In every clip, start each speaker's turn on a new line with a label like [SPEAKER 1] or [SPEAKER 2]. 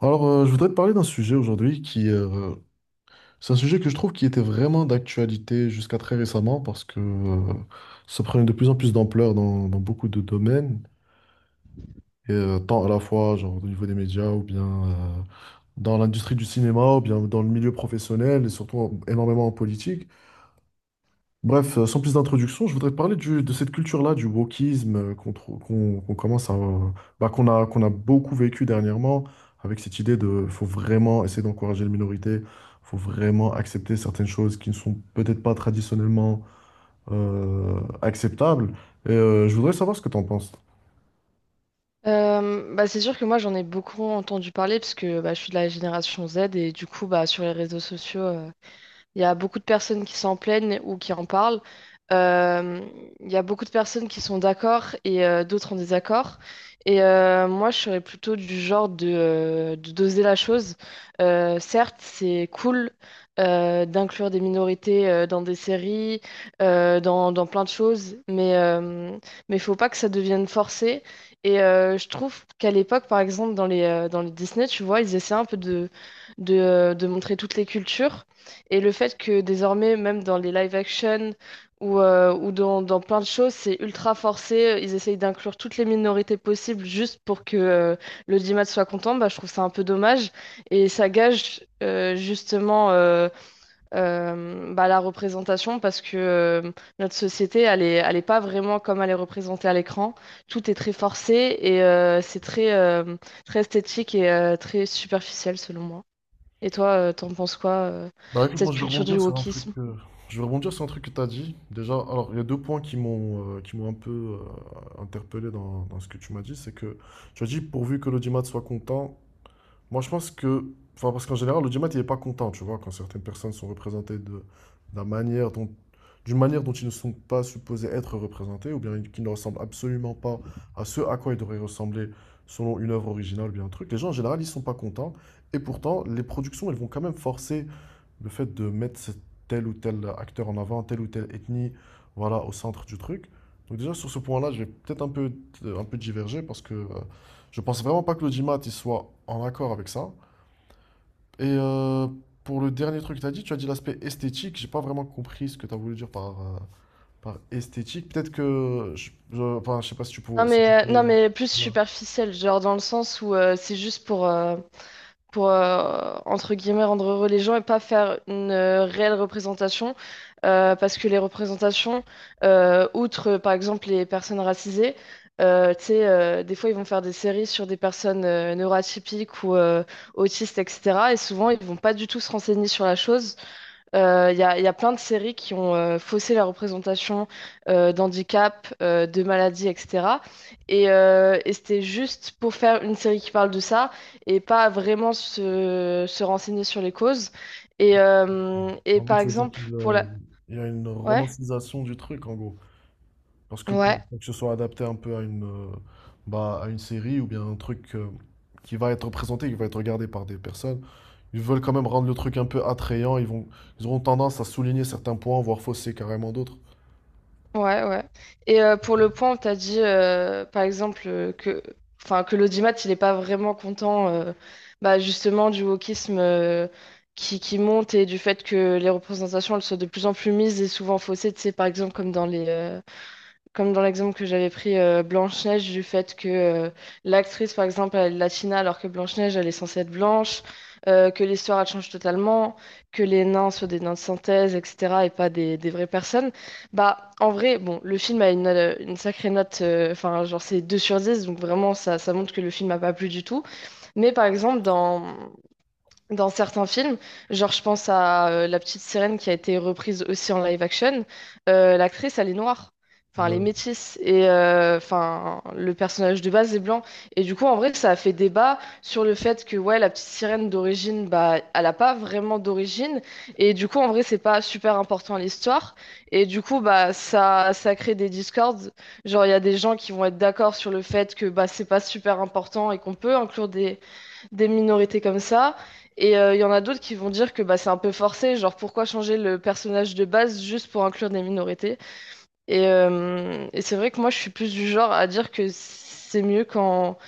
[SPEAKER 1] Je voudrais te parler d'un sujet aujourd'hui qui, c'est un sujet que je trouve qui était vraiment d'actualité jusqu'à très récemment parce que ça prenait de plus en plus d'ampleur dans beaucoup de domaines, et tant à la fois genre, au niveau des médias ou bien dans l'industrie du cinéma ou bien dans le milieu professionnel et surtout énormément en politique. Bref, sans plus d'introduction, je voudrais te parler de cette culture-là, du wokisme qu'on commence à, bah, qu'on a beaucoup vécu dernièrement, avec cette idée de faut vraiment essayer d'encourager les minorités, faut vraiment accepter certaines choses qui ne sont peut-être pas traditionnellement acceptables. Et je voudrais savoir ce que tu en penses.
[SPEAKER 2] Bah, c'est sûr que moi j'en ai beaucoup entendu parler parce que bah, je suis de la génération Z et du coup bah, sur les réseaux sociaux il y a beaucoup de personnes qui s'en plaignent ou qui en parlent. Euh, il y a beaucoup de personnes qui sont d'accord et d'autres en désaccord. Et moi, je serais plutôt du genre de doser la chose. Certes, c'est cool d'inclure des minorités dans des séries, dans, dans plein de choses, mais mais faut pas que ça devienne forcé. Et je trouve qu'à l'époque, par exemple, dans les Disney, tu vois, ils essaient un peu de montrer toutes les cultures. Et le fait que désormais, même dans les live action ou dans plein de choses, c'est ultra forcé. Ils essayent d'inclure toutes les minorités possibles juste pour que l'audimat soit content. Bah, je trouve ça un peu dommage. Et ça gage justement bah, la représentation parce que notre société, elle est pas vraiment comme elle est représentée à l'écran. Tout est très forcé et c'est très esthétique et très superficiel selon moi. Et toi, t'en penses quoi, de
[SPEAKER 1] Bah écoute, moi
[SPEAKER 2] cette
[SPEAKER 1] je vais
[SPEAKER 2] culture du
[SPEAKER 1] rebondir sur un truc,
[SPEAKER 2] wokisme?
[SPEAKER 1] euh, je vais rebondir sur un truc que tu as dit. Déjà, alors il y a deux points qui m'ont un peu interpellé dans ce que tu m'as dit, c'est que tu as dit pourvu que l'audimat soit content. Moi, enfin, parce qu'en général, le l'audimat, il n'est pas content, tu vois, quand certaines personnes sont représentées la manière dont, d'une manière dont ils ne sont pas supposés être représentés, ou bien qui ne ressemblent absolument pas à ce à quoi ils devraient ressembler selon une œuvre originale ou bien un truc. Les gens, en général, ils ne sont pas contents, et pourtant, les productions, elles vont quand même forcer le fait de mettre tel ou tel acteur en avant, telle ou telle ethnie, voilà, au centre du truc. Donc déjà, sur ce point-là, je vais peut-être un peu, un peu diverger parce que je pense vraiment pas que l'audimat il soit en accord avec ça. Et pour le dernier truc que tu as dit l'aspect esthétique. J'ai pas vraiment compris ce que tu as voulu dire par par esthétique. Peut-être que... enfin, je sais pas si tu peux...
[SPEAKER 2] Non
[SPEAKER 1] Si tu
[SPEAKER 2] mais, euh, non
[SPEAKER 1] peux...
[SPEAKER 2] mais plus
[SPEAKER 1] Ouais.
[SPEAKER 2] superficielle, genre dans le sens où c'est juste pour, entre guillemets rendre heureux les gens et pas faire une réelle représentation. Parce que les représentations, outre par exemple les personnes racisées, tu sais, des fois ils vont faire des séries sur des personnes neuroatypiques ou autistes, etc. Et souvent ils vont pas du tout se renseigner sur la chose. Il y a plein de séries qui ont faussé la représentation d'handicap, de maladie, etc. Et c'était juste pour faire une série qui parle de ça et pas vraiment se renseigner sur les causes. Et
[SPEAKER 1] En gros,
[SPEAKER 2] par
[SPEAKER 1] tu veux dire
[SPEAKER 2] exemple,
[SPEAKER 1] qu'il
[SPEAKER 2] pour la.
[SPEAKER 1] il y a une
[SPEAKER 2] Ouais,
[SPEAKER 1] romantisation du truc, en gros. Parce que
[SPEAKER 2] ouais.
[SPEAKER 1] pour que ce soit adapté un peu à à une série ou bien un truc qui va être présenté, qui va être regardé par des personnes, ils veulent quand même rendre le truc un peu attrayant. Ils vont, ils auront tendance à souligner certains points, voire fausser carrément d'autres.
[SPEAKER 2] Ouais, ouais. Et pour le point, tu as dit, par exemple, enfin, que l'audimat, il n'est pas vraiment content bah, justement du wokisme qui monte et du fait que les représentations, elles soient de plus en plus mises et souvent faussées, tu sais, par exemple, comme dans l'exemple que j'avais pris Blanche-Neige, du fait que l'actrice, par exemple, elle est latina alors que Blanche-Neige, elle est censée être blanche, que l'histoire, elle change totalement, que les nains soient des nains de synthèse, etc., et pas des vraies personnes. Bah, en vrai, bon, le film a une sacrée note, enfin, genre, c'est 2/10 donc vraiment, ça montre que le film n'a pas plu du tout. Mais par exemple, dans dans certains films. Genre, je pense à La Petite Sirène qui a été reprise aussi en live action. L'actrice, elle est noire. Enfin, elle est
[SPEAKER 1] Ouais.
[SPEAKER 2] métisse. Et enfin, le personnage de base est blanc. Et du coup, en vrai, ça a fait débat sur le fait que, ouais, La Petite Sirène d'origine, bah, elle n'a pas vraiment d'origine. Et du coup, en vrai, c'est pas super important à l'histoire. Et du coup, bah, ça crée des discords. Genre, il y a des gens qui vont être d'accord sur le fait que, bah, c'est pas super important et qu'on peut inclure des minorités comme ça. Et il y en a d'autres qui vont dire que bah, c'est un peu forcé, genre pourquoi changer le personnage de base juste pour inclure des minorités? Et c'est vrai que moi je suis plus du genre à dire que c'est mieux quand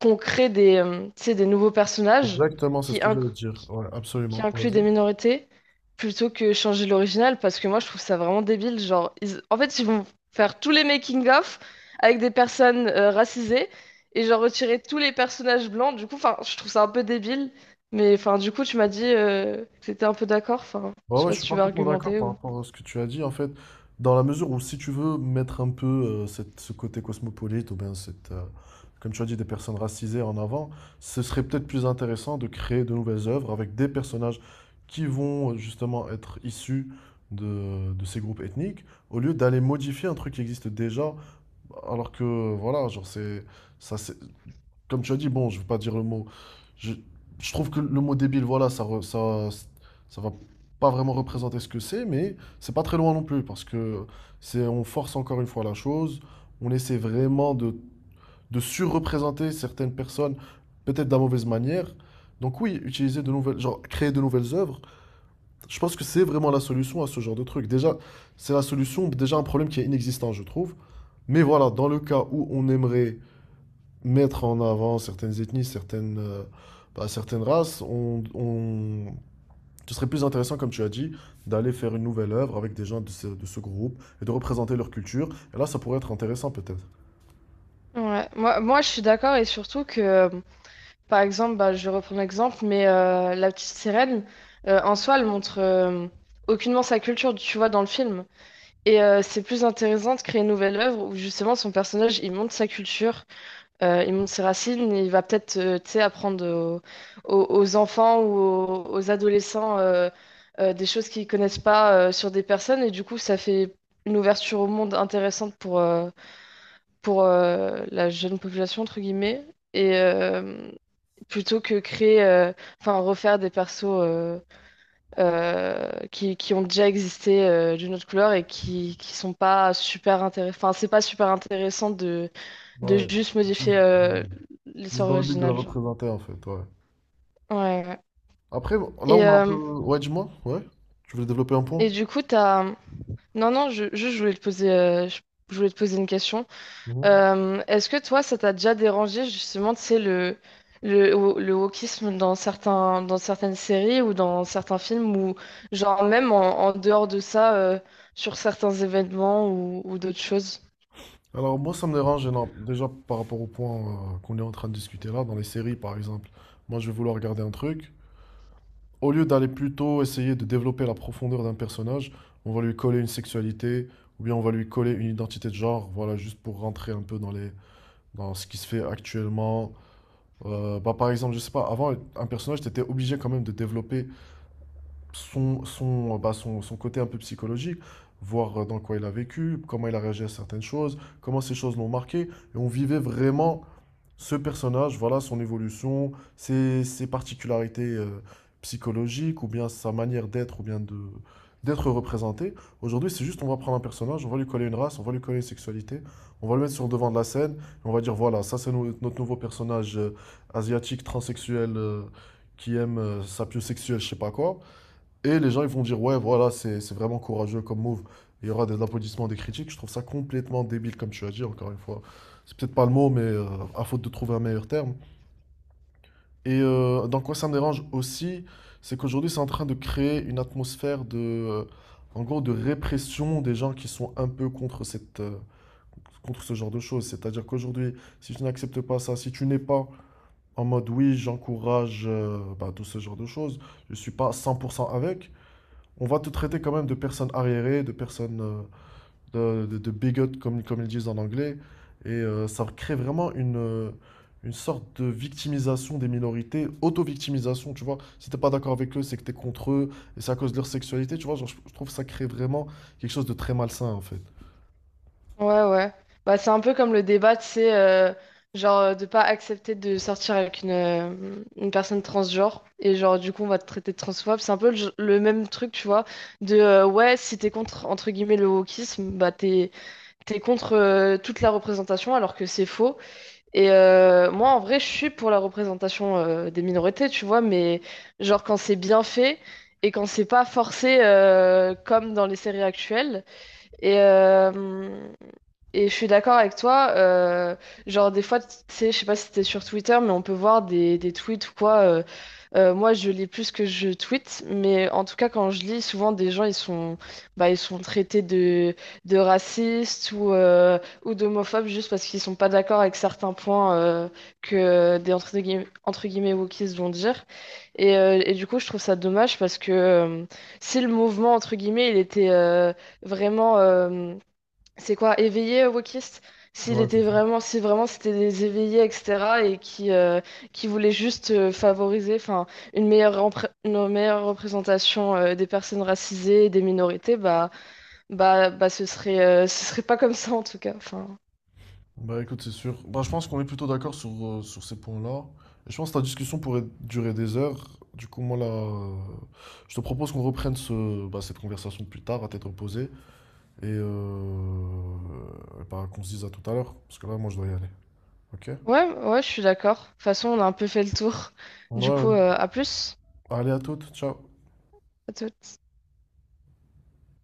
[SPEAKER 2] tu sais, des nouveaux personnages
[SPEAKER 1] Exactement, c'est
[SPEAKER 2] qui,
[SPEAKER 1] ce que
[SPEAKER 2] inc-
[SPEAKER 1] j'allais dire. Ouais,
[SPEAKER 2] qui
[SPEAKER 1] absolument.
[SPEAKER 2] inclut des
[SPEAKER 1] Vas-y.
[SPEAKER 2] minorités plutôt que changer l'original parce que moi je trouve ça vraiment débile. Genre, en fait, ils vont faire tous les making-of avec des personnes racisées et genre retirer tous les personnages blancs. Du coup, enfin, je trouve ça un peu débile. Mais enfin, du coup, tu m'as dit que t'étais un peu d'accord. Enfin,
[SPEAKER 1] Ouais,
[SPEAKER 2] je sais
[SPEAKER 1] ouais,
[SPEAKER 2] pas
[SPEAKER 1] je
[SPEAKER 2] si
[SPEAKER 1] suis
[SPEAKER 2] tu veux
[SPEAKER 1] parfaitement d'accord
[SPEAKER 2] argumenter
[SPEAKER 1] par
[SPEAKER 2] ou.
[SPEAKER 1] rapport à ce que tu as dit. En fait, dans la mesure où si tu veux mettre un peu ce côté cosmopolite ou bien comme tu as dit, des personnes racisées en avant, ce serait peut-être plus intéressant de créer de nouvelles œuvres avec des personnages qui vont justement être issus de ces groupes ethniques, au lieu d'aller modifier un truc qui existe déjà, alors que voilà, genre c'est ça, comme tu as dit, bon, je ne veux pas dire le mot. Je, je trouve que le mot débile, voilà, ça, ça, ça va pas vraiment représenter ce que c'est, mais c'est pas très loin non plus parce que c'est, on force encore une fois la chose. On essaie vraiment de surreprésenter certaines personnes, peut-être de la mauvaise manière. Donc oui, utiliser de genre créer de nouvelles œuvres, je pense que c'est vraiment la solution à ce genre de truc. Déjà, c'est la solution, déjà un problème qui est inexistant, je trouve. Mais voilà, dans le cas où on aimerait mettre en avant certaines ethnies, certaines races, ce serait plus intéressant, comme tu as dit, d'aller faire une nouvelle œuvre avec des gens de de ce groupe et de représenter leur culture. Et là, ça pourrait être intéressant peut-être.
[SPEAKER 2] Ouais, moi je suis d'accord et surtout que, par exemple, bah, je vais reprendre l'exemple, mais la petite sirène, en soi, elle montre aucunement sa culture, tu vois, dans le film. Et c'est plus intéressant de créer une nouvelle œuvre où justement son personnage il montre sa culture, il montre ses racines, et il va peut-être tu sais, apprendre aux enfants ou aux adolescents des choses qu'ils connaissent pas sur des personnes et du coup ça fait une ouverture au monde intéressante pour, la jeune population entre guillemets et plutôt que créer enfin refaire des persos qui ont déjà existé d'une autre couleur et qui sont pas super intéressants. Enfin, c'est pas super intéressant de,
[SPEAKER 1] Ouais,
[SPEAKER 2] juste modifier
[SPEAKER 1] juste, ouais. Juste
[SPEAKER 2] l'histoire
[SPEAKER 1] dans le but de la
[SPEAKER 2] originale, genre.
[SPEAKER 1] représenter en fait, ouais.
[SPEAKER 2] Ouais, ouais.
[SPEAKER 1] Après, là,
[SPEAKER 2] Et,
[SPEAKER 1] on a un peu...
[SPEAKER 2] euh,
[SPEAKER 1] Ouais, dis-moi, ouais. Tu voulais développer un point?
[SPEAKER 2] et du coup, t'as. Non, non, juste, je voulais te je voulais te poser une question.
[SPEAKER 1] Mhm.
[SPEAKER 2] Est-ce que toi, ça t'a déjà dérangé justement, tu sais, le wokisme dans dans certaines séries ou dans certains films ou genre même en dehors de ça, sur certains événements ou d'autres choses?
[SPEAKER 1] Alors moi ça me dérange énorme. Déjà par rapport au point qu'on est en train de discuter là, dans les séries par exemple, moi je vais vouloir regarder un truc, au lieu d'aller plutôt essayer de développer la profondeur d'un personnage, on va lui coller une sexualité ou bien on va lui coller une identité de genre, voilà, juste pour rentrer un peu dans les, dans ce qui se fait actuellement. Par exemple, je sais pas, avant, un personnage, t'étais obligé quand même de développer son côté un peu psychologique, voir dans quoi il a vécu, comment il a réagi à certaines choses, comment ces choses l'ont marqué, et on vivait vraiment ce personnage, voilà son évolution, ses particularités psychologiques, ou bien sa manière d'être, ou bien de d'être représenté. Aujourd'hui, c'est juste on va prendre un personnage, on va lui coller une race, on va lui coller une sexualité, on va le mettre sur le devant de la scène, et on va dire voilà, ça c'est notre nouveau personnage asiatique, transsexuel, qui aime sa piosexuelle, je sais pas quoi. Et les gens, ils vont dire, ouais, voilà, c'est vraiment courageux comme move. Il y aura des applaudissements, des critiques. Je trouve ça complètement débile, comme tu as dit, encore une fois. C'est peut-être pas le mot, mais à faute de trouver un meilleur terme. Et dans quoi ça me dérange aussi, c'est qu'aujourd'hui, c'est en train de créer une atmosphère de, en gros, de répression des gens qui sont un peu contre contre ce genre de choses. C'est-à-dire qu'aujourd'hui, si tu n'acceptes pas ça, si tu n'es pas en mode, oui, j'encourage bah, tout ce genre de choses, je suis pas 100% avec, on va te traiter quand même de personne arriérée, de personne de bigot, comme ils disent en anglais. Et ça crée vraiment une sorte de victimisation des minorités, auto-victimisation, tu vois. Si t'es pas d'accord avec eux, c'est que t'es contre eux, et c'est à cause de leur sexualité, tu vois. Genre, je trouve que ça crée vraiment quelque chose de très malsain, en fait.
[SPEAKER 2] Ouais, ouais. Bah, c'est un peu comme le débat, tu sais, genre de pas accepter de sortir avec une personne transgenre et genre du coup on va te traiter de transphobe. C'est un peu le même truc, tu vois, de ouais, si t'es contre, entre guillemets, le wokisme, bah t'es contre toute la représentation alors que c'est faux. Et moi, en vrai, je suis pour la représentation des minorités, tu vois, mais genre quand c'est bien fait et quand c'est pas forcé comme dans les séries actuelles. Et, euh, et je suis d'accord avec toi. Genre, des fois, tu sais, je sais pas si t'es sur Twitter, mais on peut voir des tweets ou quoi. Moi, je lis plus que je tweete, mais en tout cas, quand je lis, souvent des gens, bah, ils sont traités de racistes ou d'homophobes juste parce qu'ils sont pas d'accord avec certains points que des entre guillemets wokistes vont dire. Et du coup, je trouve ça dommage parce que si le mouvement, entre guillemets, il était vraiment. C'est quoi, éveillé, wokiste?
[SPEAKER 1] Ouais, c'est ça.
[SPEAKER 2] Si vraiment c'était des éveillés, etc., et qui voulaient juste favoriser, enfin, une meilleure représentation des personnes racisées, et des minorités, bah, ce serait pas comme ça en tout cas. Enfin,
[SPEAKER 1] Bah écoute, c'est sûr. Bah, je pense qu'on est plutôt d'accord sur, sur ces points-là. Et je pense que la discussion pourrait durer des heures. Du coup, moi là, je te propose qu'on reprenne cette conversation plus tard à tête reposée. Et bah, qu'on se dise à tout à l'heure, parce que là, moi, je dois y aller. Ok?
[SPEAKER 2] ouais, ouais, je suis d'accord. De toute façon, on a un peu fait le tour. Du
[SPEAKER 1] Ouais,
[SPEAKER 2] coup,
[SPEAKER 1] ouais.
[SPEAKER 2] à plus.
[SPEAKER 1] Allez, à toutes. Ciao.
[SPEAKER 2] À toutes.